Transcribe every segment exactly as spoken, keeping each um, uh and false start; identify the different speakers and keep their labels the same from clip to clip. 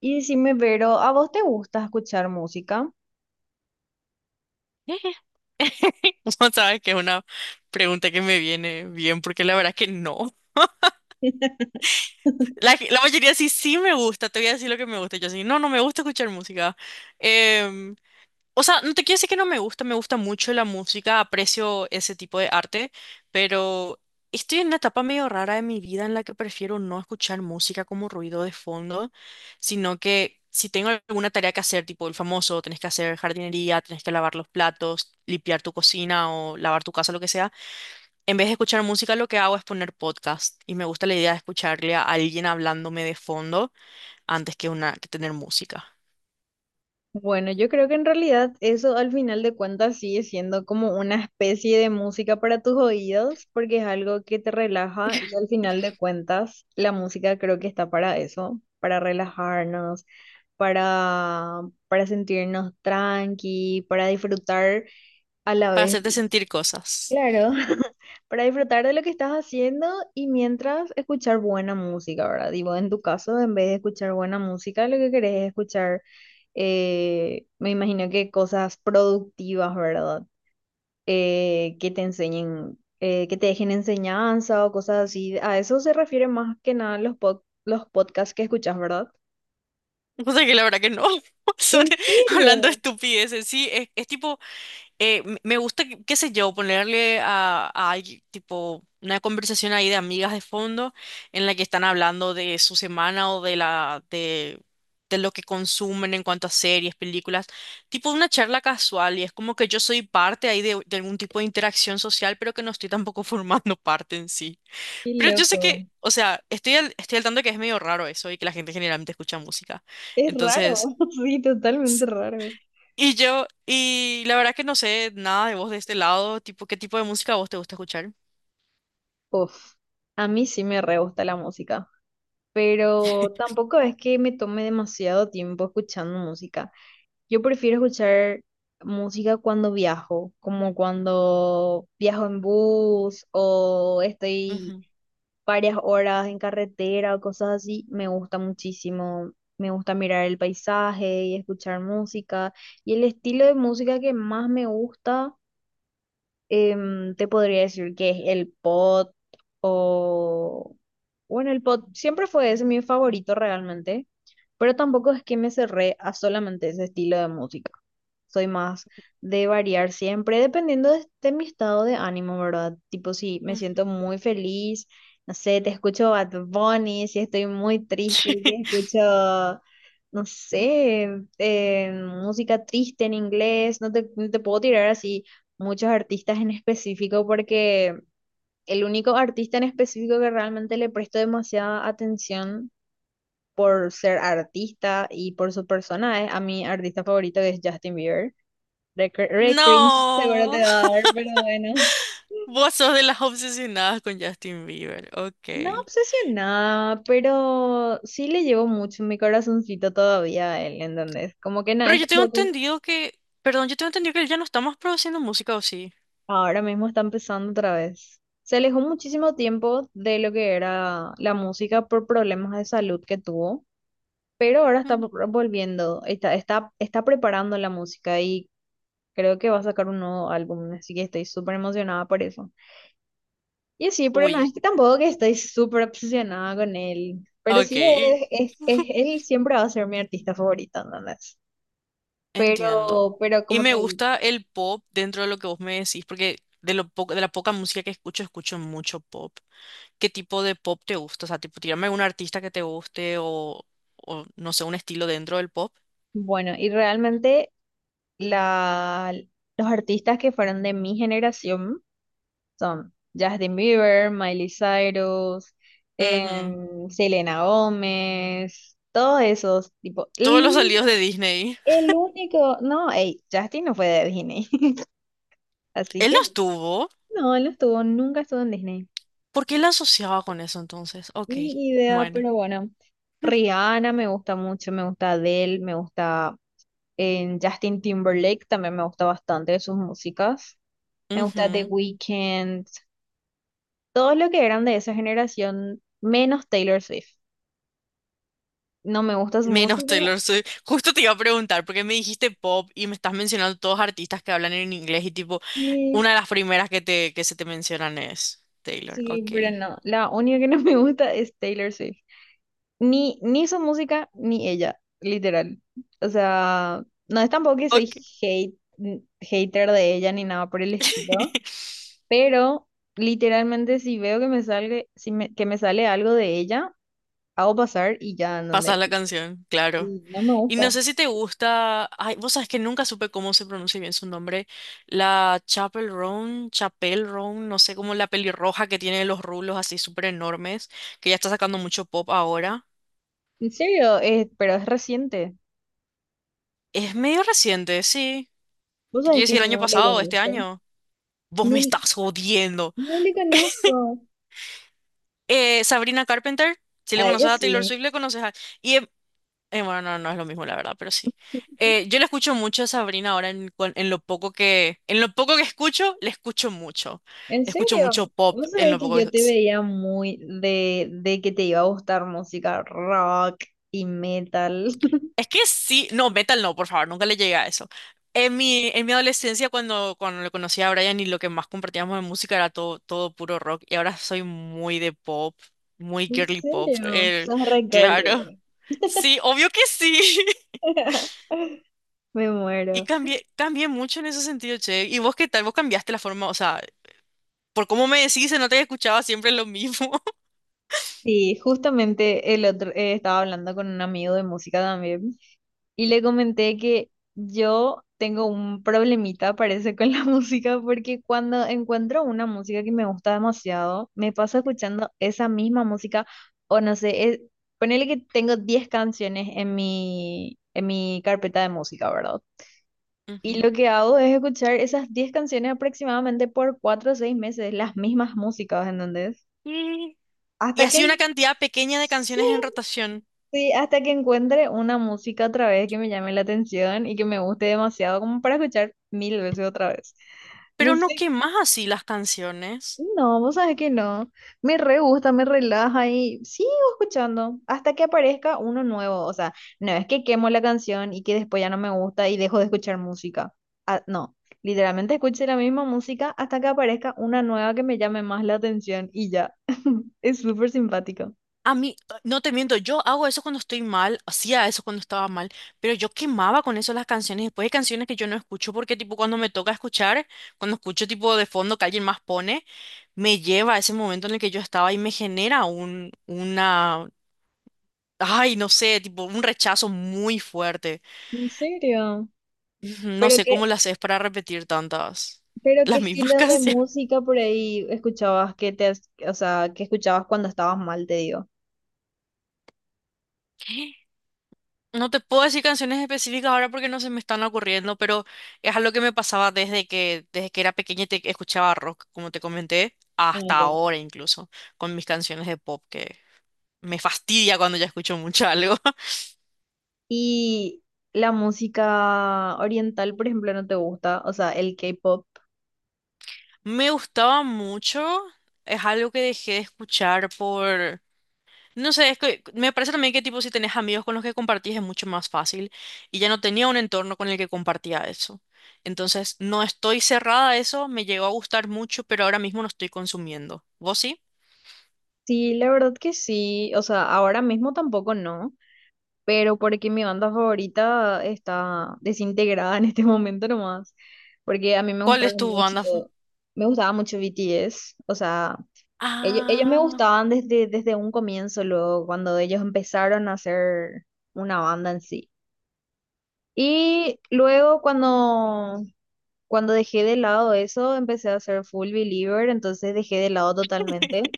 Speaker 1: Y decime, Vero, ¿a vos te gusta escuchar música?
Speaker 2: No sabes que es una pregunta que me viene bien, porque la verdad que no. La, la mayoría sí, sí me gusta, te voy a decir lo que me gusta. Yo sí, no, no me gusta escuchar música. Em, o sea, no te quiero decir que no me gusta, me gusta mucho la música, aprecio ese tipo de arte, pero estoy en una etapa medio rara de mi vida en la que prefiero no escuchar música como ruido de fondo, sino que si tengo alguna tarea que hacer, tipo el famoso, tenés que hacer jardinería, tenés que lavar los platos, limpiar tu cocina o lavar tu casa, lo que sea. En vez de escuchar música, lo que hago es poner podcast y me gusta la idea de escucharle a alguien hablándome de fondo antes que una que tener música
Speaker 1: Bueno, yo creo que en realidad eso al final de cuentas sigue siendo como una especie de música para tus oídos, porque es algo que te relaja y al final de cuentas la música creo que está para eso, para relajarnos, para, para sentirnos tranqui, para disfrutar a la
Speaker 2: para
Speaker 1: vez.
Speaker 2: hacerte sentir cosas.
Speaker 1: Claro, para disfrutar de lo que estás haciendo y mientras escuchar buena música, ¿verdad? Digo, en tu caso, en vez de escuchar buena música, lo que querés es escuchar, eh, me imagino que cosas productivas, ¿verdad? Eh, que te enseñen, eh, que te dejen enseñanza o cosas así. A eso se refiere más que nada los, pod- los podcasts que escuchas, ¿verdad?
Speaker 2: Cosa que la verdad que no. Son
Speaker 1: ¿En
Speaker 2: hablando
Speaker 1: serio?
Speaker 2: estupideces. Sí, es, es tipo eh, m- me gusta, qué qué sé yo, ponerle a, a alguien, tipo una conversación ahí de amigas de fondo en la que están hablando de su semana o de la de, de, lo que consumen en cuanto a series, películas, tipo una charla casual y es como que yo soy parte ahí de, de algún tipo de interacción social, pero que no estoy tampoco formando parte en sí.
Speaker 1: Qué
Speaker 2: Pero yo sé
Speaker 1: loco.
Speaker 2: que, o sea, estoy al, estoy al tanto que es medio raro eso y que la gente generalmente escucha música.
Speaker 1: Es raro,
Speaker 2: Entonces...
Speaker 1: sí, totalmente raro.
Speaker 2: Y yo, y la verdad que no sé nada de vos de este lado, tipo, ¿qué tipo de música a vos te gusta escuchar?
Speaker 1: Uf, a mí sí me re gusta la música, pero tampoco es que me tome demasiado tiempo escuchando música. Yo prefiero escuchar música cuando viajo, como cuando viajo en bus o estoy
Speaker 2: Ujú,
Speaker 1: varias horas en carretera o cosas así. Me gusta muchísimo. Me gusta mirar el paisaje y escuchar música. Y el estilo de música que más me gusta, em, te podría decir que es el pot o... Bueno, el pot siempre fue ese mi favorito realmente, pero tampoco es que me cerré a solamente ese estilo de música. Soy más de variar siempre, dependiendo de, de mi estado de ánimo, ¿verdad? Tipo, si me
Speaker 2: ujú.
Speaker 1: siento muy feliz, no sé, te escucho Bad Bunny, si estoy muy triste, te escucho, no sé, eh, música triste en inglés, no te, no te puedo tirar así muchos artistas en específico porque el único artista en específico que realmente le presto demasiada atención por ser artista y por su persona es a mi artista favorito, que es Justin Bieber. Re, cr- re cringe seguro
Speaker 2: No,
Speaker 1: te va a dar, pero bueno.
Speaker 2: vos sos de las obsesionadas con Justin Bieber, ok.
Speaker 1: No obsesionada, pero sí le llevo mucho en mi corazoncito todavía a él, ¿entendés? Como que no,
Speaker 2: Pero
Speaker 1: es
Speaker 2: yo tengo
Speaker 1: tampoco,
Speaker 2: entendido que, perdón, yo tengo entendido que él ya no está más produciendo música, ¿o sí?
Speaker 1: ahora mismo está empezando otra vez. Se alejó muchísimo tiempo de lo que era la música por problemas de salud que tuvo, pero ahora está
Speaker 2: Mm.
Speaker 1: vo- volviendo, está, está, está preparando la música y creo que va a sacar un nuevo álbum, así que estoy súper emocionada por eso. Y sí, pero no,
Speaker 2: Uy,
Speaker 1: es que tampoco que estoy súper obsesionada con él, pero sí,
Speaker 2: ok.
Speaker 1: es, es, es- él siempre va a ser mi artista favorito, ¿entendés?
Speaker 2: Entiendo.
Speaker 1: Pero, pero
Speaker 2: Y
Speaker 1: como
Speaker 2: me
Speaker 1: te digo,
Speaker 2: gusta el pop dentro de lo que vos me decís, porque de lo poco, de la poca música que escucho, escucho mucho pop. ¿Qué tipo de pop te gusta? O sea, tipo, tirame algún artista que te guste o, o no sé, un estilo dentro del pop.
Speaker 1: bueno, y realmente la, los artistas que fueron de mi generación, son Justin Bieber, Miley Cyrus,
Speaker 2: Ujú.
Speaker 1: em, Selena Gómez, todos esos, tipo,
Speaker 2: Todos
Speaker 1: el
Speaker 2: los salidos de
Speaker 1: único,
Speaker 2: Disney.
Speaker 1: el único, no, ey, Justin no fue de Disney, así
Speaker 2: Él
Speaker 1: que
Speaker 2: los tuvo.
Speaker 1: no, él no estuvo, nunca estuvo en Disney.
Speaker 2: ¿Por qué la asociaba con eso entonces? Ok,
Speaker 1: Ni idea,
Speaker 2: bueno.
Speaker 1: pero bueno. Rihanna me gusta mucho, me gusta Adele, me gusta, em, Justin Timberlake, también me gusta bastante sus músicas. Me gusta The
Speaker 2: Ujú.
Speaker 1: Weeknd, todo lo que eran de esa generación, menos Taylor Swift. No me gusta su música,
Speaker 2: Menos Taylor Swift. Justo te iba a preguntar, porque me dijiste pop y me estás mencionando todos artistas que hablan en inglés y tipo,
Speaker 1: sí,
Speaker 2: una de las primeras que te, que se te mencionan es Taylor.
Speaker 1: sí,
Speaker 2: Ok.
Speaker 1: pero no. La única que no me gusta es Taylor Swift. Ni, ni su música, ni ella, literal. O sea, no es tampoco que soy
Speaker 2: Ok.
Speaker 1: hate, n- hater de ella ni nada por el estilo, pero literalmente si veo que me sale, si me- que me sale algo de ella, hago pasar y ya, en
Speaker 2: Pasas
Speaker 1: donde.
Speaker 2: la canción, claro.
Speaker 1: Y no me
Speaker 2: Y no
Speaker 1: gusta.
Speaker 2: sé si te gusta. Ay, vos sabés que nunca supe cómo se pronuncia bien su nombre. La Chapel Roan, Chapel Roan, no sé cómo la pelirroja que tiene los rulos así súper enormes, que ya está sacando mucho pop ahora.
Speaker 1: En serio, es, pero es reciente.
Speaker 2: Es medio reciente, sí.
Speaker 1: ¿Vos
Speaker 2: Te quiero
Speaker 1: sabés que
Speaker 2: decir el año
Speaker 1: no le
Speaker 2: pasado, este
Speaker 1: conozco?
Speaker 2: año. Vos
Speaker 1: No,
Speaker 2: me
Speaker 1: le-
Speaker 2: estás jodiendo.
Speaker 1: no le conozco.
Speaker 2: Eh, Sabrina Carpenter, si
Speaker 1: A
Speaker 2: le
Speaker 1: ella
Speaker 2: conoces a Taylor
Speaker 1: sí.
Speaker 2: Swift, le conoces a... Y, em- eh, bueno, no, no es lo mismo, la verdad, pero sí. Eh, yo le escucho mucho a Sabrina ahora en, cuan- en lo poco que... En lo poco que escucho, le escucho mucho.
Speaker 1: ¿En
Speaker 2: Le escucho mucho
Speaker 1: serio?
Speaker 2: pop
Speaker 1: Vos
Speaker 2: en
Speaker 1: sabés
Speaker 2: lo
Speaker 1: que
Speaker 2: poco que...
Speaker 1: yo te
Speaker 2: Sí.
Speaker 1: veía muy de, de que te iba a gustar música rock y metal.
Speaker 2: Es que sí, no, metal no, por favor, nunca le llegué a eso. En mi, en mi adolescencia, cuando, cuando le conocí a Brian y lo que más compartíamos de música era todo, todo puro rock, y ahora soy muy de pop, muy
Speaker 1: ¿En
Speaker 2: girly pop,
Speaker 1: serio?
Speaker 2: el,
Speaker 1: Sos re girly,
Speaker 2: claro.
Speaker 1: bro.
Speaker 2: Sí, obvio que sí.
Speaker 1: Me
Speaker 2: Y
Speaker 1: muero.
Speaker 2: cambié, cambié mucho en ese sentido, che. ¿Y vos qué tal? ¿Vos cambiaste la forma? O sea, por cómo me decís, se nota que escuchaba siempre lo mismo.
Speaker 1: Sí, justamente el otro, eh, estaba hablando con un amigo de música también y le comenté que yo tengo un problemita, parece, con la música, porque cuando encuentro una música que me gusta demasiado, me paso escuchando esa misma música, o no sé, es- ponele que tengo diez canciones en mi, en mi carpeta de música, ¿verdad? Y
Speaker 2: Ujú.
Speaker 1: lo que hago es escuchar esas diez canciones aproximadamente por cuatro o seis meses, las mismas músicas, ¿entendés?
Speaker 2: Y Y
Speaker 1: Hasta que...
Speaker 2: así una cantidad pequeña de
Speaker 1: Sí,
Speaker 2: canciones en rotación.
Speaker 1: sí, hasta que encuentre una música otra vez que me llame la atención y que me guste demasiado como para escuchar mil veces otra vez.
Speaker 2: Pero
Speaker 1: No
Speaker 2: no
Speaker 1: sé,
Speaker 2: quemás así las canciones.
Speaker 1: no, vos sabés que no. Me re gusta, me relaja y sigo escuchando hasta que aparezca uno nuevo. O sea, no es que quemo la canción y que después ya no me gusta y dejo de escuchar música. Ah, no, literalmente escuché la misma música hasta que aparezca una nueva que me llame más la atención y ya. Es súper simpático.
Speaker 2: A mí, eh, no te miento, yo hago eso cuando estoy mal, hacía eso cuando estaba mal, pero yo quemaba con eso las canciones. Después hay canciones que yo no escucho porque tipo cuando me toca escuchar, cuando escucho tipo de fondo que alguien más pone, me lleva a ese momento en el que yo estaba y me genera un, una, ay, no sé, tipo un rechazo muy fuerte.
Speaker 1: ¿En serio?
Speaker 2: Ujú, no
Speaker 1: ¿Pero
Speaker 2: sé cómo
Speaker 1: qué?
Speaker 2: lo haces para repetir tantas,
Speaker 1: Pero ¿qué
Speaker 2: las mismas
Speaker 1: estilo de
Speaker 2: canciones.
Speaker 1: música por ahí escuchabas que te, has- o sea, que escuchabas cuando estabas mal, te digo?
Speaker 2: No te puedo decir canciones específicas ahora porque no se me están ocurriendo, pero es algo que me pasaba desde que, desde que era pequeña y te escuchaba rock, como te comenté,
Speaker 1: Ah,
Speaker 2: hasta
Speaker 1: ya.
Speaker 2: ahora incluso, con mis canciones de pop, que me fastidia cuando ya escucho mucho algo.
Speaker 1: Y la música oriental, por ejemplo, no te gusta, o sea, el K-pop.
Speaker 2: Me gustaba mucho, es algo que dejé de escuchar por no sé, es que me parece también que tipo si tenés amigos con los que compartís es mucho más fácil y ya no tenía un entorno con el que compartía eso. Entonces, no estoy cerrada a eso, me llegó a gustar mucho, pero ahora mismo no estoy consumiendo. ¿Vos sí?
Speaker 1: Sí, la verdad que sí, o sea, ahora mismo tampoco no, pero porque mi banda favorita está desintegrada en este momento nomás, porque a mí me
Speaker 2: ¿Cuál
Speaker 1: gustaba
Speaker 2: es tu
Speaker 1: mucho,
Speaker 2: banda? f-
Speaker 1: me gustaba mucho B T S, o sea, Ellos, ellos me
Speaker 2: Ah,
Speaker 1: gustaban desde, desde un comienzo, luego, cuando ellos empezaron a hacer una banda en sí. Y luego cuando, cuando dejé de lado eso, empecé a ser full believer, entonces dejé de lado totalmente.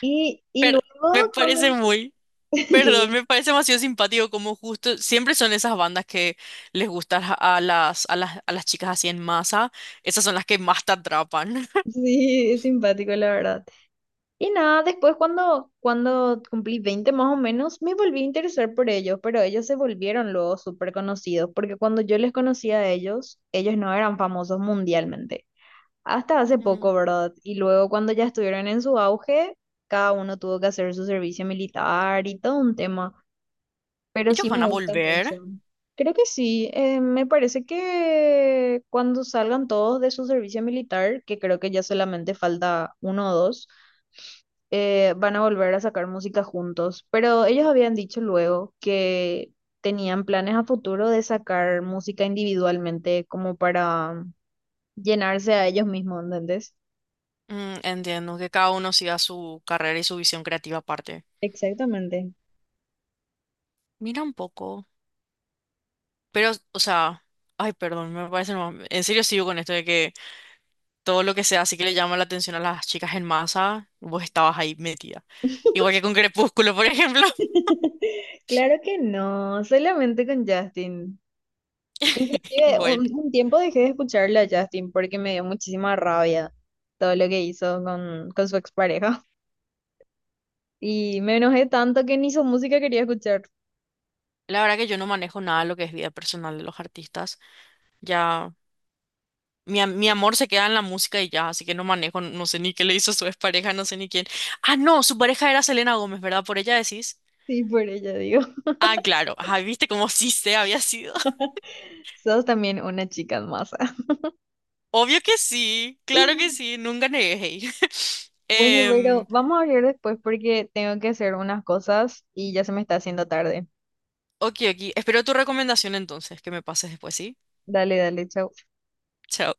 Speaker 1: Y, y
Speaker 2: pero me
Speaker 1: luego
Speaker 2: parece
Speaker 1: cuando...
Speaker 2: muy, perdón,
Speaker 1: que
Speaker 2: me parece demasiado simpático como justo siempre son esas bandas que les gustan a a las a las a las chicas así en masa, esas son las que más te atrapan.
Speaker 1: sí, es simpático, la verdad. Y nada, después cuando, cuando cumplí veinte más o menos, me volví a interesar por ellos, pero ellos se volvieron luego súper conocidos, porque cuando yo les conocí a ellos, ellos no eran famosos mundialmente hasta hace poco,
Speaker 2: Mm.
Speaker 1: ¿verdad? Y luego cuando ya estuvieron en su auge, cada uno tuvo que hacer su servicio militar y todo un tema, pero
Speaker 2: Ellos
Speaker 1: sí
Speaker 2: van
Speaker 1: me
Speaker 2: a
Speaker 1: gusta
Speaker 2: volver.
Speaker 1: mucho. Creo que sí, eh, me parece que cuando salgan todos de su servicio militar, que creo que ya solamente falta uno o dos, eh, van a volver a sacar música juntos, pero ellos habían dicho luego que tenían planes a futuro de sacar música individualmente como para llenarse a ellos mismos, ¿entendés?
Speaker 2: Mm, entiendo que cada uno siga su carrera y su visión creativa aparte.
Speaker 1: Exactamente.
Speaker 2: Mira un poco. Pero, o sea, ay, perdón, me parece nomás- En serio sigo con esto de que todo lo que sea así que le llama la atención a las chicas en masa, vos estabas ahí metida. Igual que con Crepúsculo, por ejemplo.
Speaker 1: Claro que no, solamente con Justin. Inclusive
Speaker 2: Bueno,
Speaker 1: un, un tiempo dejé de escucharle a Justin porque me dio muchísima rabia todo lo que hizo con, con su expareja. Y me enojé tanto que ni su música quería escuchar.
Speaker 2: la verdad que yo no manejo nada de lo que es vida personal de los artistas. Ya, mi, am- mi amor se queda en la música y ya, así que no manejo, no sé ni qué le hizo su expareja, no sé ni quién. Ah, no, su pareja era Selena Gómez, ¿verdad? Por ella decís.
Speaker 1: Sí, por ella digo.
Speaker 2: Ah, claro. Ah, viste como sí se había sido.
Speaker 1: Sos también una chica en masa.
Speaker 2: Obvio que sí, claro que sí, nunca negué. Hey.
Speaker 1: Bueno, pero
Speaker 2: Em,
Speaker 1: vamos a hablar después porque tengo que hacer unas cosas y ya se me está haciendo tarde.
Speaker 2: ok, ok. Espero tu recomendación entonces, que me pases después, ¿sí?
Speaker 1: Dale, dale, chao.
Speaker 2: Chao.